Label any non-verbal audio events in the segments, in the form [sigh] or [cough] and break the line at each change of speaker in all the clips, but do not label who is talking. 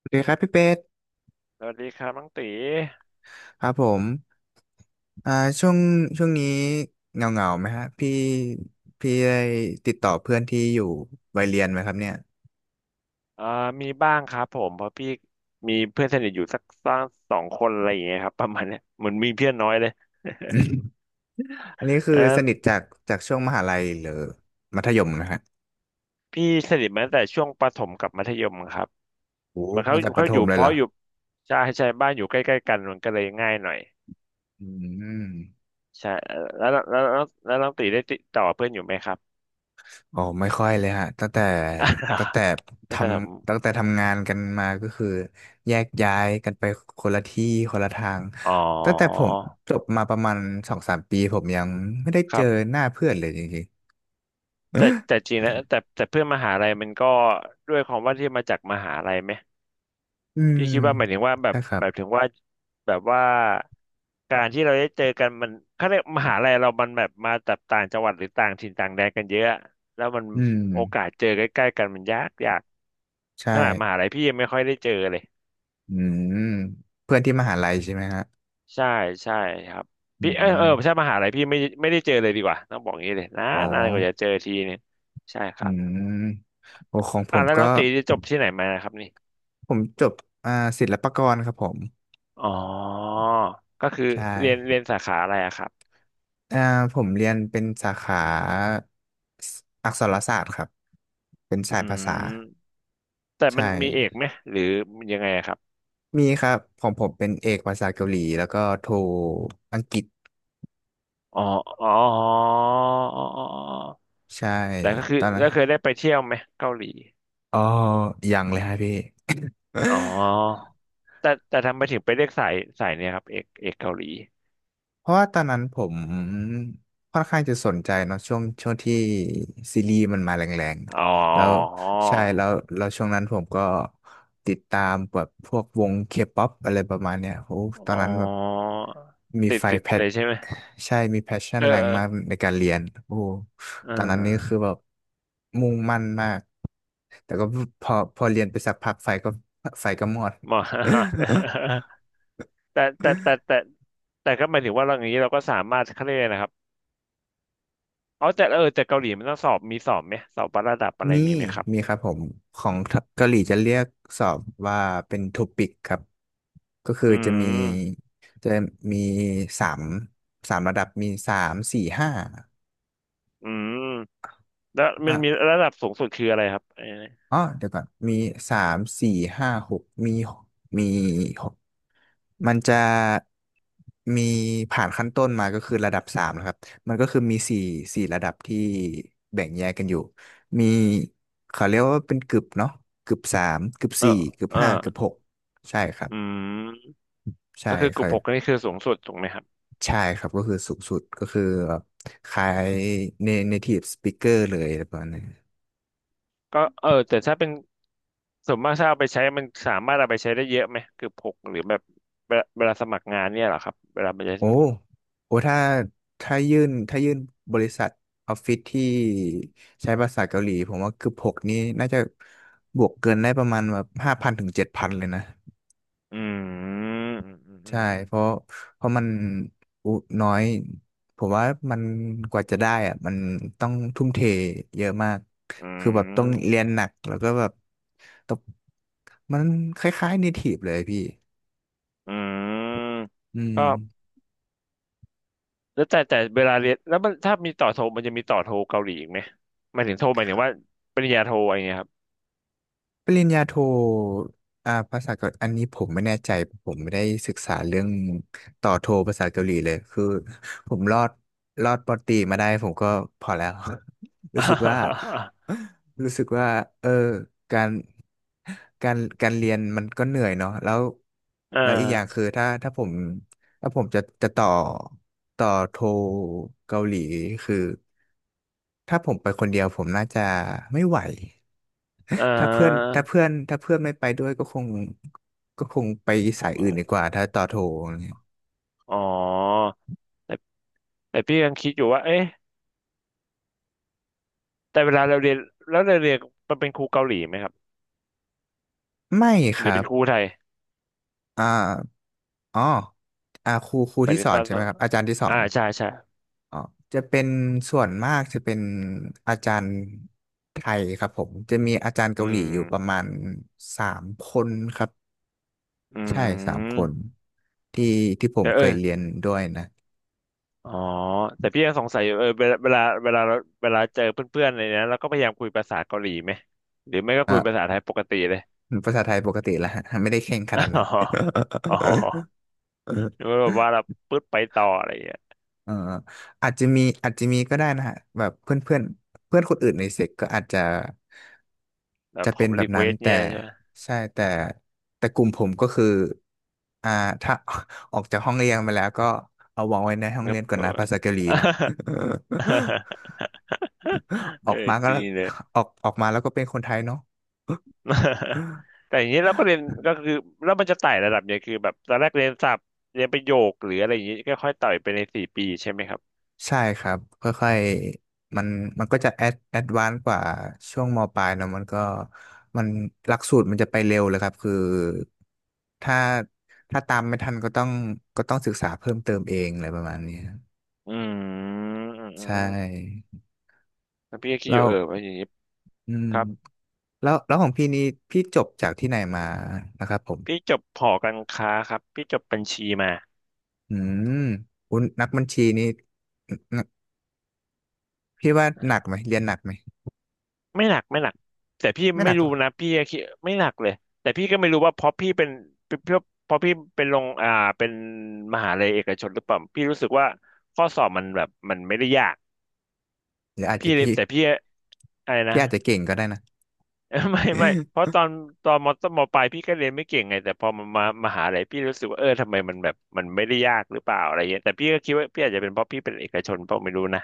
สวัสดีครับพี่เป็ด
สวัสดีครับน้องตี
ครับผมอ่าช่วงช่วงนี้เงาเงาไหมฮะพี่พี่ได้ติดต่อเพื่อนที่อยู่วัยเรียนไหมครับเนี่ย
เอ่อมีบ้างครับผมเพราะพี่มีเพื่อนสนิทอยู่สักสองคนอะไรอย่างเงี้ยครับประมาณเนี้ยเหมือนมีเพื่อนน้อยเลย
อันนี้คือ
เลอ
สนิทจากช่วงมหาลัยหรือมัธยมนะฮะ
พี่สนิทมาตั้งแต่ช่วงประถมกับมัธยมครับ
โอ้
มันเขา
ตั้งแต่ประ
เขา
ถ
อ
ม
ยู่
เล
เพ
ยเหรอ
ราะอยู่ใช่บ้านอยู่ใกล้ๆกันมันก็เลยง่ายหน่อย
อืม
ใช่แล้วน้องตีได้ติดต่อเพื่อนอยู่ไหมครับ
โอ้ไม่ค่อยเลยฮะตั้ง
[laughs]
แต่ท
ตั้งแต่ผม
ตั้งแต่ทำงานกันมาก็คือแยกย้ายกันไปคนละที่คนละทาง
อ๋อ
ตั้งแต่ผมจบมาประมาณสองสามปีผมยังไม่ได้
ค
เจ
รั
อ
บ
หน้าเพื่อนเลยจริง
แต่
ๆ [gasps]
จริงแล้วแต่เพื่อนมหาลัยมันก็ด้วยความว่าที่มาจากมหาลัยไหม
[laughs] อืม
พี่คิดว่าหมายถึงว่าแบ
ใช่
บ
ครั
ห
บ
มายถึงว่าแบบว่าการที่เราได้เจอกันมันเขาเรียกมหาลัยเรามันแบบมาจากต่างจังหวัดหรือต่างถิ่นต่างแดนกันเยอะแล้วมัน
อืม
โอกาสเจอใกล้ๆกันมันยาก
ใช่
ขนาดมหาลัยพี่ยังไม่ค่อยได้เจอเลย
อืมเพื่อนที่มหาลัย
อ่า
ใช่ไหมฮะ
ใช่ใช่ครับ
อื
พี่เออใช่
ม
มหาลัยพี่ไม่ได้เจอเลยดีกว่าต้องบอกอย่างนี้เลยนา
อ๋อ
นนานกว่าจะเจอทีเนี่ยใช่ค
อื
รับ
มโอของผ
อ่ะ
ม
แล้ว
ก็
น้องตีจะจบที่ไหนมานะครับนี่
ผมจบอ่าศิลปากรครับผม
อ๋อก็คือ
ใช่
เรียนสาขาอะไรอะครับ
อ่าผมเรียนเป็นสาขาอักษรศาสตร์ครับเป็นสาย
อื
ภา
ม
ษา
แต่มัน
ใช่
มีเอกไหมหรือมันยังไงอะครับ
มีครับของผมเป็นเอกภาษาเกาหลีแล้วก็โทอังกฤษ
อ๋ออ๋ออ๋อ
ใช่
แต่ก็คือ
ตอนนั้น
ก็เคยได้ไปเที่ยวไหมเกาหลี
อ๋อยังเลยฮะพี่
อ๋
[laughs]
อแต่ทำไมถึงไปเลือกสายเนี่ยครับเอกเกาหลี
เพราะว่าตอนนั้นผมค่อนข้างจะสนใจเนาะช่วงที่ซีรีส์มันมาแรง
อ๋อ
ๆแล้วใช่แล้วแล้วช่วงนั้นผมก็ติดตามแบบพวกวงเคป๊อปอะไรประมาณเนี้ยโอ้ตอน
อ๋อ
นั้นแบบมี
ติด
ไฟ
ติด
แพช
เลยใช่ไหม
ใช่มีแพชชั่น
เออ
แรง
เออ
มากในการเรียนโอ้
เ
ตอนนั้นนี่คือ
ออ
แบบมุ่งมั่นมากแต่ก็พอเรียนไปสักพักไฟก็มอด
หมอ [laughs] แต่แต่ก็หมายถึงว่าเราอย่างนี้เราก็สามารถเขาเรียกอะไรนะครับอ๋อแต่แต่เกาหลีมันต้องสอบมีสอบไหมสอบวัดระดับอะไร
มี
มีไหมครับ
มีครับผมของเกาหลีจะเรียกสอบว่าเป็นทูปิกครับ ก็คือ
อืม
จะมีสามสามระดับมีสามสี่ห้า
อืม แล้วมันมีระดับสูงสุดคืออะไรครับไอ้นี่
อ๋อเดี๋ยวก่อนมีสามสี่ห้าหกมีหกมันจะมีผ่านขั้นต้นมาก็คือระดับสามนะครับมันก็คือมีสี่ระดับที่แบ่งแยกกันอยู่มีเขาเรียกว่าเป็นกึบเนาะกึบสามกึบ
เออ
สี่กึบ
เออ
ห้ากึบหกใช่ครับ
อืม
ใช่
ก็คือ
ค
กลุ่
รั
มหก
บ
นี่คือสูงสุดถูกไหมครับ
ใช่ครับก็คือสูงสุดก็คือแบบคล้าย native speaker เลยประมาณนั้น
ก็แต่ถ้าเป็นส่วนมากถ้าเอาไปใช้มันสามารถเอาไปใช้ได้เยอะไหมกลุ่มหกหรือแบบเวลาสมัครงานเนี่ยเหรอครับเวลาไปใช้
โอ้โอ้ถ้ายื่นบริษัทออฟฟิศที่ใช้ภาษาเกาหลีผมว่าเกือบหกนี้น่าจะบวกเกินได้ประมาณแบบ5,000-7,000เลยนะ
อืมอืมอื
ใช่
ม
เพราะ
อ
เพราะมันอุน้อยผมว่ามันกว่าจะได้อะมันต้องทุ่มเทเยอะมาก
ื
คือแบบต้องเรี
ม
ยนหนักแล้วก็แบบต้องมันคล้ายๆ native เลยพี่อื
ก็
ม
แล้วแต่เวลาเรียนแล้วมันถ้ามีต่อโทมันจะมีต่อโทเกาหลีอีกไหมหมายถึงโทหมายถึงว่าปริญญาโทอะไรเงี้ยครับ
ปริญญาโทภาษาเกาหลีอันนี้ผมไม่แน่ใจผมไม่ได้ศึกษาเรื่องต่อโทภาษาเกาหลีเลยคือผมรอดปอตรีมาได้ผมก็พอแล้ว [laughs] รู้สึกว่า
[laughs]
[laughs] รู้สึกว่าเออการการเรียนมันก็เหนื่อยเนาะแล้ว
อ่
แล้วอีกอย่างคื
า
อถ้าผมจะต่อโทเกาหลีคือถ้าผมไปคนเดียวผมน่าจะไม่ไหว
อ่า
ถ้าเพื่อนไม่ไปด้วยก็คงไปสายอื่นดีกว่าถ้าต่อโทรอะไรเงีย
อ๋อแต่แต่พี่ยังคิดอยู่ว่าเอ๊ะแต่เวลาเราเรียนแล้วเราเรียนมันเป็นครูเกาหลีไหมครับ
ไม่ค
หรือ
รั
เป็น
บ
ครูไทย
อ่าอ๋อครู
หมาย
ที่
ถึ
ส
ง
อ
ต
น
อน
ใช่ไหมครับอาจารย์ที่สอน
ใช่
อ๋อจะเป็นส่วนมากจะเป็นอาจารย์ไทยครับผมจะมีอาจารย์
อื
เกาหลีอยู่ประ
ม
มาณสามคนครับ
อื
ใช่สามคน
ม
ที่ที่ผม
แต่
เคยเรียนด้วยนะ
อ๋อแต่พี่ยังสงสัยอยู่เวลาเราเวลาเจอเพื่อนๆอะไรเนี้ยเราก็พยายามคุยภาษาเกาหลีไหมหรือไม่ก็คุยภาษาไทยปกติเลย
ภาษาไทยปกติแล้วฮะไม่ได้เข่งข
[laughs] อ๋
นาดนั้
อ
น
อ๋อหรือ
[laughs]
ว่าแบบว่าเราปึ๊ดไปต่ออะไรอย่างเงี้ย
เอออาจจะมีก็ได้นะฮะแบบเพื่อนเพื่อนเพื่อนคนอื่นในเซกก็อาจจะ
แบบ
จะเป็นแบ
รี
บ
เคว
นั้น
ส
แต่
เนี่ยใช่ไหม
ใช่แต่กลุ่มผมก็คืออ่าถ้า [laughs] ออกจากห้องเรียนมาแล้วก็เอาวางไว้ในห้อ
ค
ง
รั
เรี
บ
ยนก่อนนะภาษาเกาหลีนะ [laughs]
[laughs]
อ
เอ
อ
อ
กมาก็
จริงเลย
ออกมาแล้วก็เป็นคนไทยเนาะ
[laughs] แต่อย่างนี้เราก็เรียนก็คือแล้วมันจะไต่ระดับเนี่ยคือแบบตอนแรกเรียนศัพท์เรียนประโยคหรืออะไรอย่างนี้ก็ค่อยไต่ไปในสี่ปีใช่ไหมครับ
ใช่ครับค่อยๆมันก็จะแอดวานซ์กว่าช่วงมปลายเนอะมันหลักสูตรมันจะไปเร็วเลยครับคือถ้าถ้าตามไม่ทันก็ต้องศึกษาเพิ่มเติมเองอะไรประมาณนี้ครับ
อืมอืมอื
ใช
ม
่
แล้วพี่ก็คิด
แล้
อยู่
ว
ว่าอย่างนี้
อืม
ครับ
แล้วของพี่นี่พี่จบจากที่ไหนมานะครับผม
พี่จบหอการค้าครับพี่จบบัญชีมา
อืมอุยนักบัญชีนี่นพี่ว่าหนัก
อ่า
ไหมเรียนหนักไหม
ไม่หนักแต่พี่
ไม่ห
ไม่
นักหร
รู้
อ
นะพี่ก็คิดไม่หนักเลยแต่พี่ก็ไม่รู้ว่าเพราะพี่เป็นเพราะพี่เป็นลงเป็นมหาลัยเอกชนหรือเปล่าพี่รู้สึกว่าข้อสอบมันแบบมันไม่ได้ยาก
หรืออาจจะ
พี่เลยแต่พี่อะไรนะ
พี่อาจจะเก่งก็ได้นะ
เออไม่เพราะ
[laughs]
ตอนตอนมต้นมปลายพี่ก็เรียนไม่เก่งไงแต่พอมามหาลัยพี่รู้สึกว่าเออทำไมมันแบบมันไม่ได้ยากหรือเปล่าอะไรเงี้ยแต่พี่ก็คิดว่าพี่อาจจะเป็นเพราะพี่เป็นเอกชนเปล่าไม่รู้นะ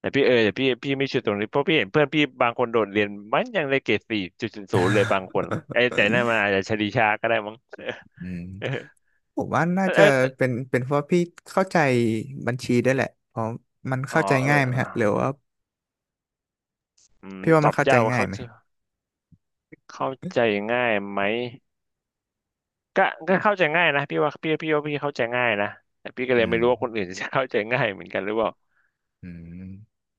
แต่พี่แต่พี่ไม่ชัวร์ตรงนี้เพราะพี่เห็นเพื่อนพี่บางคนโดดเรียนมันยังได้เกรดสี่จุดศูนย์ศูนย์เลยบางคนไอ้แต่นั่นมันอาจจะชลีชาก็ได้มั้ง
อืม
เออ
ผมว่าน่า
แต่
จะ
แต่
เป็นเพราะพี่เข้าใจบัญชีได้วยแหละเพราะมัน
อ๋อ
เข้าใจ
เออ
ง่ายไหม
เออ
ฮะหรือว่า
อืม
พี่ว่า
ต
มั
อ
น
บ
เข้าใจ
ยากว่า
ง่าย
เขา
ไหม
จะเข้าใจง่ายไหม ก็ก็เข้าใจง่ายนะพี่ว่าพี่ว่าพี่เข้าใจง่ายนะแต่พี่ก็เลย
อื
ไม่
ม
รู้ว่าคนอื่น [laughs] จะเข้าใจง่ายเหมือนกันหรือเปล่า
อืม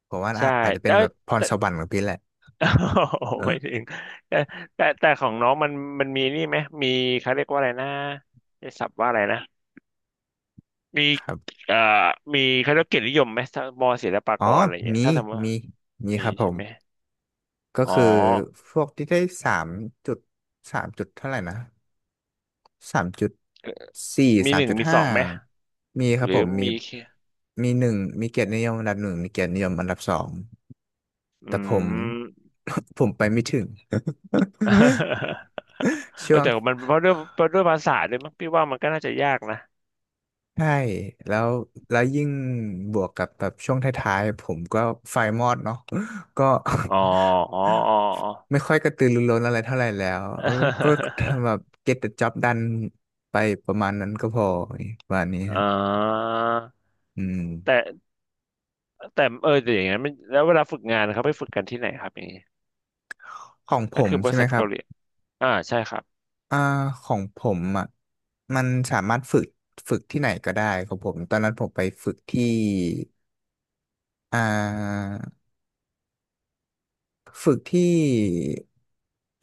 ผมว่า
ใช่
อาจจะเป็น
เออ
แบบพร
แต่
สวรรค์ของพี่แหละ
[laughs] โอ้
เอ
ไม่
อ
ถึงแต่แต่แต่ของน้องมันมีนี่ไหมมีเขาเรียกว่าอะไรนะใช้ศัพท์ว่าอะไรนะมี
ครับ
เอ่อมีเขาเรียกเกียรตินิยมไหมถ้ามอศิลปา
อ๋
ก
อ
รอะไรเงี้ย
มี
ถ้าสมมติว่า
มีมี
มี
ครับผ
ใช่
ม
ไหม
ก็
อ๋อ
คือพวกที่ได้สามจุดสามจุดเท่าไหร่นะสามจุด
เอ่อ
สี่
มี
สา
ห
ม
นึ่ง
จุด
มีส
ห้า
องไหม
มีครั
ห
บผ
รือ
ม
มีแค่
มีหนึ่งมีเกียรตินิยมอันดับหนึ่งมีเกียรตินิยมอันดับสอง
อื
แต่ผม
ม
[laughs] ผมไปไม่ถึง [laughs] ช่ว
[laughs]
ง
แต่มันเพราะด้วยภาษาด้วยมั้งพี่ว่ามันก็น่าจะยากนะ
ใช่แล้วแล้วยิ่งบวกกับแบบช่วงท้ายๆผมก็ไฟมอดเนาะก็
อ๋อ
[laughs]
อ๋ออ๋ออ๋อ
ไม่ค่อยกระตือรือร้นอะไรเท่าไหร่แล้วเออก็
[laughs]
ทำแบบ get the job done ไปประมาณนั้นก็พอประมาณนี้
อ่
ฮะ
า
อืม
แต่แต่แต่อย่างนั้นมันแล้วเวลาฝึกงานนะครับไปฝึกกันที่ไหนครับอย่างนี้
ของผ
นั่น
ม
คือบ
ใช่
ริ
ไหม
ษัท
ครั
เกา
บ
หลีใช่ครับ
อ่าของผมอ่ะมันสามารถฝึกที่ไหนก็ได้ของผมตอนนั้นผมไปฝึกที่ อ่าฝึกที่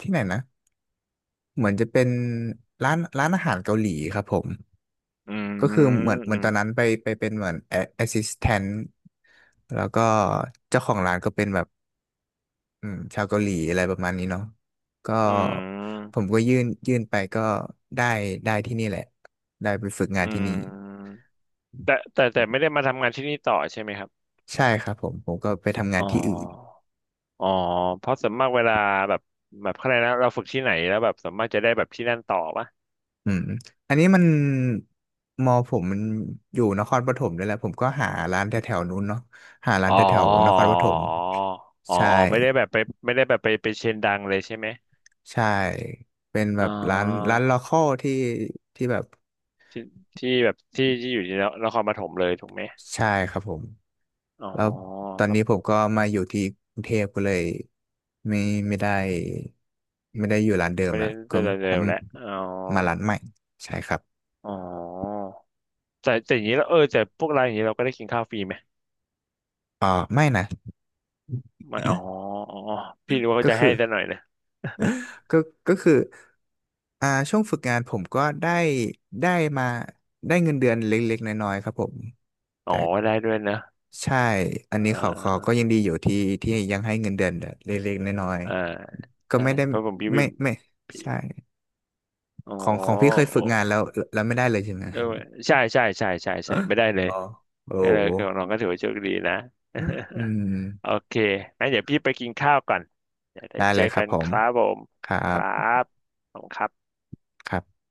ที่ไหนนะเหมือนจะเป็นร้านอาหารเกาหลีครับผม
อืม
ก็คือเหมือ
อื
น
ม
ตอนนั้นไปเป็นเหมือนแอสซิสแตนต์แล้วก็เจ้าของร้านก็เป็นแบบอืมชาวเกาหลีอะไรประมาณนี้เนาะก็
อื
ผ
ม
มก็ยื่นไปก็ได้ได้ที่นี่แหละได้ไปฝึกงา
อื
นที่นี่
มแต่แต่ไม่ได้มาทำงานที่นี่ต่อใช่ไหมครับ
ใช่ครับผมก็ไปทำ
อ๋
งา
อ
นที่อื่น
อ๋อเพราะส่วนมากเวลาแบบแบบอะไรยกนะเราฝึกที่ไหนแล้วแบบส่วนมากจะได้แบบที่นั่นต่อปะ
อืมอันนี้มันผมมันอยู่นครปฐมด้วยแหละผมก็หาร้านแถวๆนู้นเนาะหาร้าน
อ๋
แถ
อ
วๆนครปฐม
อ๋อ
ใช่
อ๋ออ๋อไม่ได้แบบไปไม่ได้แบบไปไปเชนดังเลยใช่ไหม
ใช่เป็นแบ
เอ๋อ
บร้านลอคอลที่ที่แบบ
ที่ที่แบบที่อยู่ที่นครปฐมเลยถูกไหม
ใช่ครับผม
อ๋อ
แล้วตอน
ก็
นี้ผมก็มาอยู่ที่กรุงเทพก็เลยไม่ไม่ได้ไม่ได้อยู่ร้านเดิม
ไม่ได้
ละ
เ
ก็
ร็วๆแล้วอ๋อ
มาร้านใหม่ใช่ครับ
อ๋อแต่อย่างนี้แล้วแต่พวกร้านอย่างนี้เราก็ได้กินข้าวฟรีไหม
อ่าไม่นะ
ไม่อ๋อพี่นึกว่าเขา
ก็
จะ
คือ
ให้ซะหน่อยนะ
ก็ก็คือช่วงฝึกงานผมก็ได้มาได้เงินเดือนเล็กๆน้อยๆครับผม
[laughs] อ๋อ
แต่
ได้ด้วยนะ
ใช่อั
เอ่
นนี้เขา
า
ก็ยังดีอยู่ที่ยังให้เงินเดือนเล็กๆน้อย
อ่า
ๆก็
ใช่
ไม่ได้
เพราะผมพี่วิ
ไม่
ม
ไม่
พี่
ใช่
อ๋อ
ของพี่เคยฝึ
โอ้
กงานแล้วแล้วไม่ได้เลยใช่ไหม
เอ
ค
อ
รับ
ใช่ใช่ใช่ใช่
อ
ใช่ไม่ได้เลย
๋อโอ้
ก็เลย
โห
ก็น้องก็ถือ [laughs] ว่าโชคดีนะ
อื
[laughs] โอ
ม
เคงั้นเดี๋ยวพี่ไปกินข้าวก่อนเดี๋ยวได้
ได้
เจ
เล
อ
ยครั
กั
บ
น
ผ
ค
ม
รับผม
ครั
ค
บ
รับผมครับ
ครับ